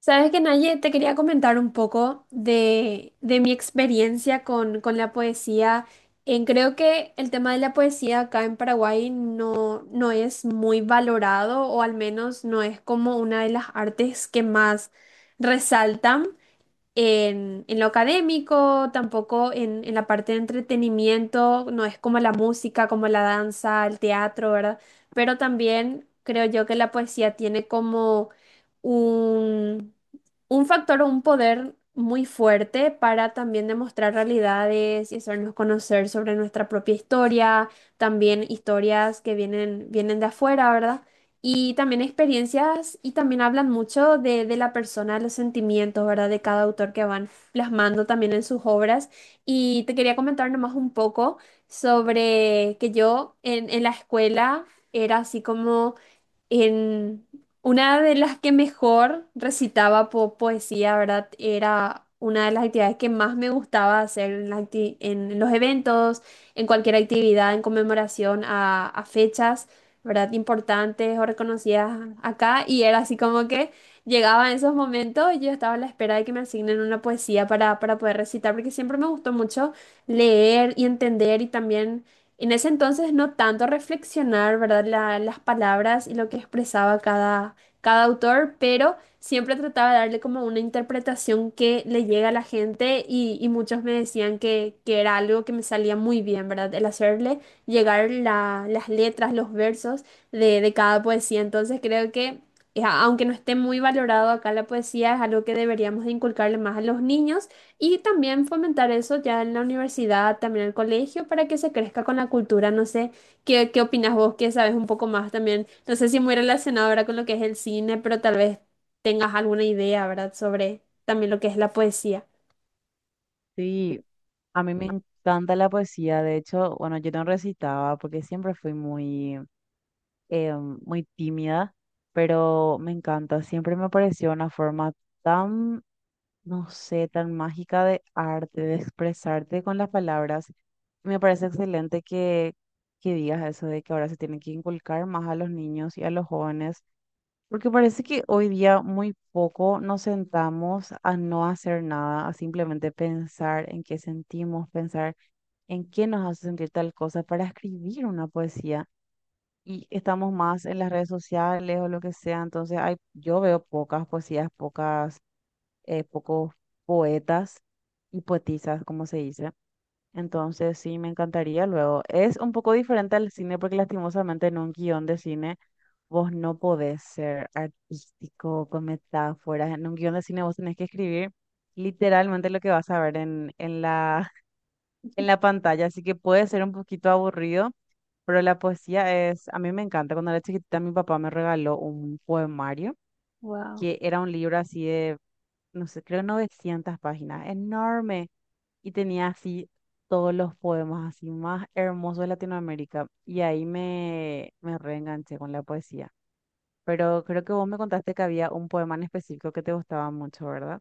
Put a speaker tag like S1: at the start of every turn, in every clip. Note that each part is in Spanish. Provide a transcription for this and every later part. S1: Sabes que Naye, te quería comentar un poco de mi experiencia con la poesía. Creo que el tema de la poesía acá en Paraguay no es muy valorado o al menos no es como una de las artes que más resaltan en lo académico, tampoco en la parte de entretenimiento, no es como la música, como la danza, el teatro, ¿verdad? Pero también creo yo que la poesía tiene como un, un factor o un poder muy fuerte para también demostrar realidades y hacernos conocer sobre nuestra propia historia, también historias que vienen, vienen de afuera, ¿verdad? Y también experiencias y también hablan mucho de la persona, los sentimientos, ¿verdad? De cada autor que van plasmando también en sus obras. Y te quería comentar nomás un poco sobre que yo en la escuela era así como en una de las que mejor recitaba poesía, ¿verdad? Era una de las actividades que más me gustaba hacer en, en los eventos, en cualquier actividad, en conmemoración a fechas, ¿verdad? Importantes o reconocidas acá. Y era así como que llegaba en esos momentos y yo estaba a la espera de que me asignen una poesía para poder recitar, porque siempre me gustó mucho leer y entender y también en ese entonces no tanto reflexionar, ¿verdad? Las palabras y lo que expresaba cada, cada autor, pero siempre trataba de darle como una interpretación que le llega a la gente y muchos me decían que era algo que me salía muy bien, ¿verdad? El hacerle llegar las letras, los versos de cada poesía. Entonces creo que, aunque no esté muy valorado acá la poesía, es algo que deberíamos de inculcarle más a los niños y también fomentar eso ya en la universidad, también en el colegio, para que se crezca con la cultura. No sé, ¿qué opinas vos que sabes un poco más también? No sé si muy relacionado ahora con lo que es el cine, pero tal vez tengas alguna idea, ¿verdad? Sobre también lo que es la poesía.
S2: Sí, a mí me encanta la poesía. De hecho, bueno, yo no recitaba porque siempre fui muy, eh, muy tímida, pero me encanta. Siempre me pareció una forma tan, no sé, tan mágica de arte, de expresarte con las palabras. Me parece excelente que digas eso de que ahora se tiene que inculcar más a los niños y a los jóvenes porque parece que hoy día muy poco nos sentamos a no hacer nada, a simplemente pensar en qué sentimos, pensar en qué nos hace sentir tal cosa para escribir una poesía. Y estamos más en las redes sociales o lo que sea, entonces hay, yo veo pocas poesías, pocos poetas y poetisas, como se dice. Entonces, sí, me encantaría luego. Es un poco diferente al cine porque lastimosamente en un guión de cine vos no podés ser artístico con metáforas. En un guión de cine vos tenés que escribir literalmente lo que vas a ver en la pantalla, así que puede ser un poquito aburrido, pero la poesía es, a mí me encanta. Cuando era chiquitita mi papá me regaló un poemario
S1: Wow.
S2: que era un libro así de no sé, creo 900 páginas, enorme. Y tenía así todos los poemas así más hermosos de Latinoamérica. Y ahí me reenganché con la poesía. Pero creo que vos me contaste que había un poema en específico que te gustaba mucho, ¿verdad?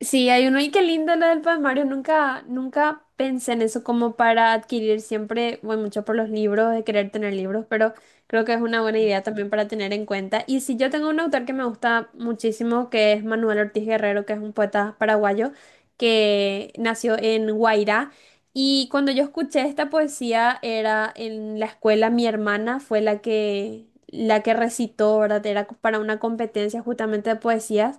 S1: Sí, hay uno y qué lindo lo del poemario. Nunca, nunca pensé en eso como para adquirir siempre, voy mucho por los libros, de querer tener libros, pero creo que es una buena idea también para tener en cuenta. Y si yo tengo un autor que me gusta muchísimo, que es Manuel Ortiz Guerrero, que es un poeta paraguayo que nació en Guairá. Y cuando yo escuché esta poesía era en la escuela, mi hermana fue la que recitó, ¿verdad? Era para una competencia justamente de poesías.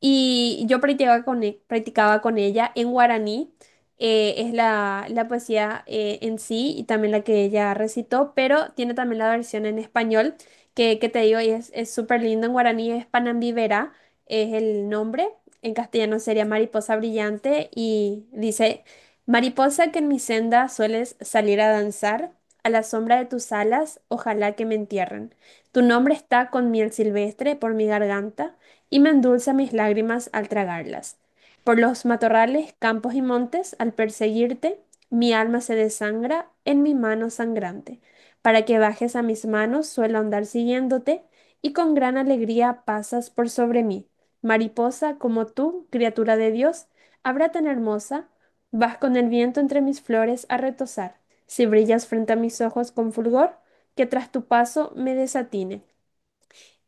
S1: Y yo practicaba con, practicaba con ella en guaraní, es la, la poesía en sí y también la que ella recitó, pero tiene también la versión en español, que te digo, y es súper lindo en guaraní, es Panambivera, es el nombre, en castellano sería Mariposa Brillante y dice, Mariposa que en mi senda sueles salir a danzar, a la sombra de tus alas, ojalá que me entierren. Tu nombre está con miel silvestre por mi garganta y me endulza mis lágrimas al tragarlas. Por los matorrales, campos y montes, al perseguirte, mi alma se desangra en mi mano sangrante. Para que bajes a mis manos, suelo andar siguiéndote, y con gran alegría pasas por sobre mí. Mariposa como tú, criatura de Dios, habrá tan hermosa, vas con el viento entre mis flores a retozar. Si brillas frente a mis ojos con fulgor, que tras tu paso me desatine.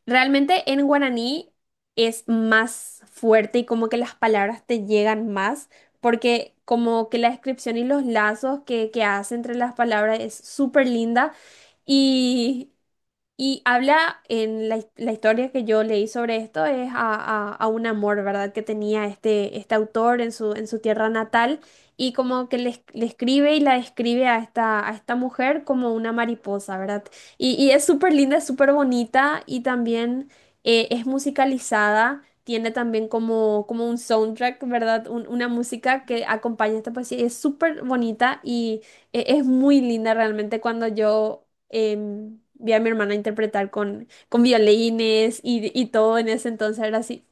S1: Realmente en guaraní es más fuerte y como que las palabras te llegan más, porque como que la descripción y los lazos que hace entre las palabras es súper linda y y habla en la, la historia que yo leí sobre esto es a, a un amor, ¿verdad? Que tenía este, este autor en su tierra natal y como que le, le escribe y la describe a esta mujer como una mariposa, ¿verdad? Y es súper linda, es súper bonita y también es musicalizada, tiene también como, como un soundtrack, ¿verdad? Una música que acompaña esta poesía y es súper bonita y... Es muy linda realmente cuando yo vi a mi hermana interpretar con violines y todo en ese entonces era así.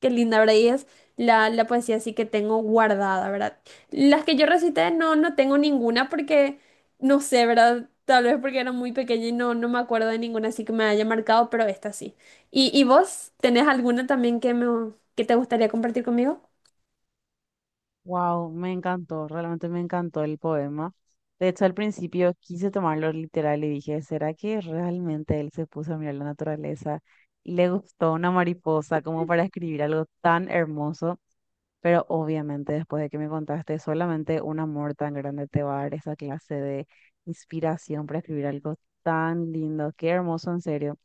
S1: Qué linda, ¿verdad? Y es la, la poesía así que tengo guardada, ¿verdad? Las que yo recité no tengo ninguna porque, no sé, ¿verdad? Tal vez porque era muy pequeña y no me acuerdo de ninguna así que me haya marcado, pero esta sí. Y vos tenés alguna también que, me, que te gustaría compartir conmigo?
S2: Wow, me encantó, realmente me encantó el poema. De hecho, al principio quise tomarlo literal y dije, ¿será que realmente él se puso a mirar la naturaleza y le gustó una mariposa como para escribir algo tan hermoso? Pero obviamente después de que me contaste, solamente un amor tan grande te va a dar esa clase de inspiración para escribir algo tan lindo. Qué hermoso, en serio.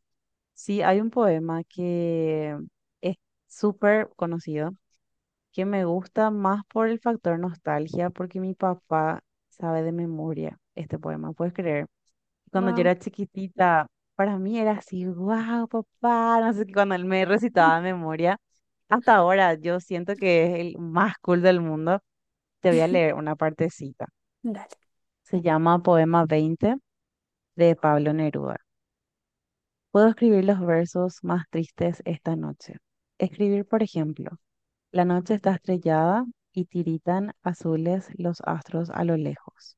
S2: Sí, hay un poema que es súper conocido que me gusta más por el factor nostalgia, porque mi papá sabe de memoria este poema, ¿puedes creer? Cuando yo
S1: Wow.
S2: era chiquitita, para mí era así, wow, papá, no sé qué, cuando él me recitaba de memoria. Hasta ahora yo siento que es el más cool del mundo. Te voy a leer una partecita. Se llama Poema 20 de Pablo Neruda. Puedo escribir los versos más tristes esta noche. Escribir, por ejemplo. La noche está estrellada y tiritan azules los astros a lo lejos.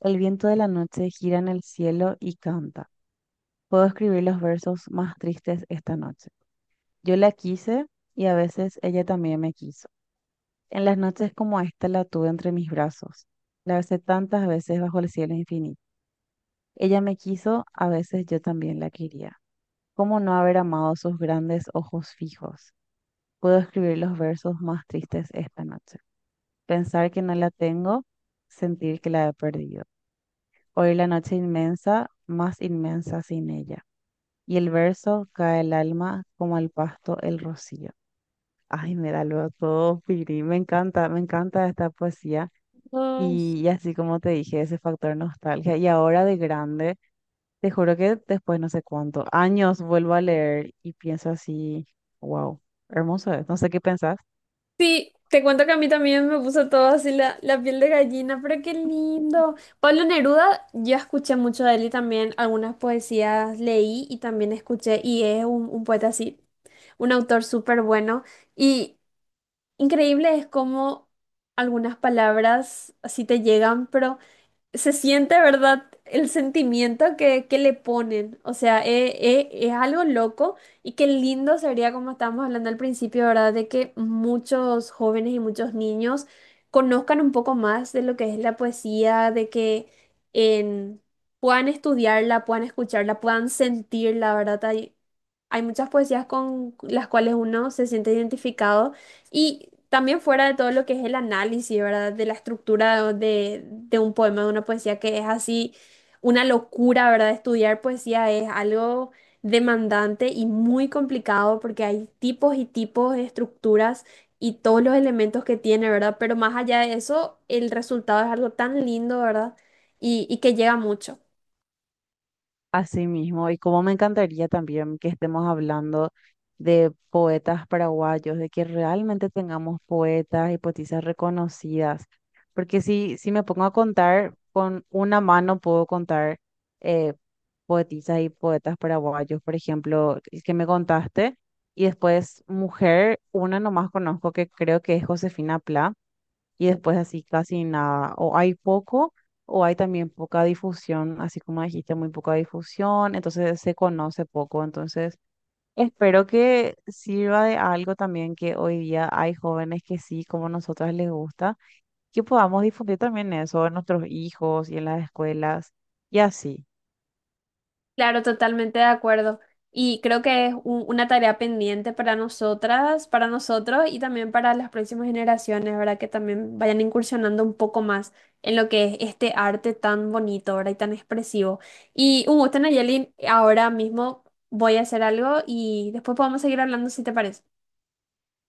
S2: El viento de la noche gira en el cielo y canta. Puedo escribir los versos más tristes esta noche. Yo la quise y a veces ella también me quiso. En las noches como esta la tuve entre mis brazos. La besé tantas veces bajo el cielo infinito. Ella me quiso, a veces yo también la quería. ¿Cómo no haber amado sus grandes ojos fijos? Puedo escribir los versos más tristes esta noche. Pensar que no la tengo, sentir que la he perdido. Oír la noche inmensa, más inmensa sin ella. Y el verso cae el alma como al pasto el rocío. Ay, me da luego todo, Piri. Me encanta esta poesía.
S1: Dale.
S2: Y así como te dije, ese factor nostalgia. Y ahora de grande, te juro que después no sé cuánto, años vuelvo a leer y pienso así, wow, hermoso es. No sé qué pensás.
S1: Sí, te cuento que a mí también me puso todo así la, la piel de gallina, pero qué lindo. Pablo Neruda, yo escuché mucho de él y también algunas poesías leí y también escuché, y es un poeta así, un autor súper bueno. Y increíble es cómo algunas palabras así te llegan, pero se siente, ¿verdad? El sentimiento que le ponen. O sea, es algo loco y qué lindo sería, como estábamos hablando al principio, ¿verdad? De que muchos jóvenes y muchos niños conozcan un poco más de lo que es la poesía, de que en- puedan estudiarla, puedan escucharla, puedan sentirla, ¿verdad? Hay muchas poesías con las cuales uno se siente identificado y también fuera de todo lo que es el análisis, ¿verdad? De la estructura de un poema, de una poesía que es así una locura, ¿verdad? Estudiar poesía es algo demandante y muy complicado porque hay tipos y tipos de estructuras y todos los elementos que tiene, ¿verdad? Pero más allá de eso, el resultado es algo tan lindo, ¿verdad? Y que llega mucho.
S2: Así mismo, y como me encantaría también que estemos hablando de poetas paraguayos, de que realmente tengamos poetas y poetisas reconocidas, porque si me pongo a contar, con una mano puedo contar eh, poetisas y poetas paraguayos, por ejemplo, el que me contaste, y después mujer, una nomás conozco que creo que es Josefina Pla y después así casi nada, o hay poco o hay también poca difusión, así como dijiste, muy poca difusión, entonces se conoce poco, entonces espero que sirva de algo también que hoy día hay jóvenes que sí, como nosotras les gusta, que podamos difundir también eso en nuestros hijos y en las escuelas y así.
S1: Claro, totalmente de acuerdo. Y creo que es una tarea pendiente para nosotras, para nosotros y también para las próximas generaciones, ¿verdad? Que también vayan incursionando un poco más en lo que es este arte tan bonito, ¿verdad? Y tan expresivo. Y un gusto, Nayeli. Ahora mismo voy a hacer algo y después podemos seguir hablando si te parece.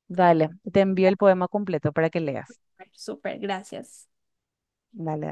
S2: Dale, te envío el poema completo para que leas.
S1: Dale, Súper, gracias.
S2: Dale.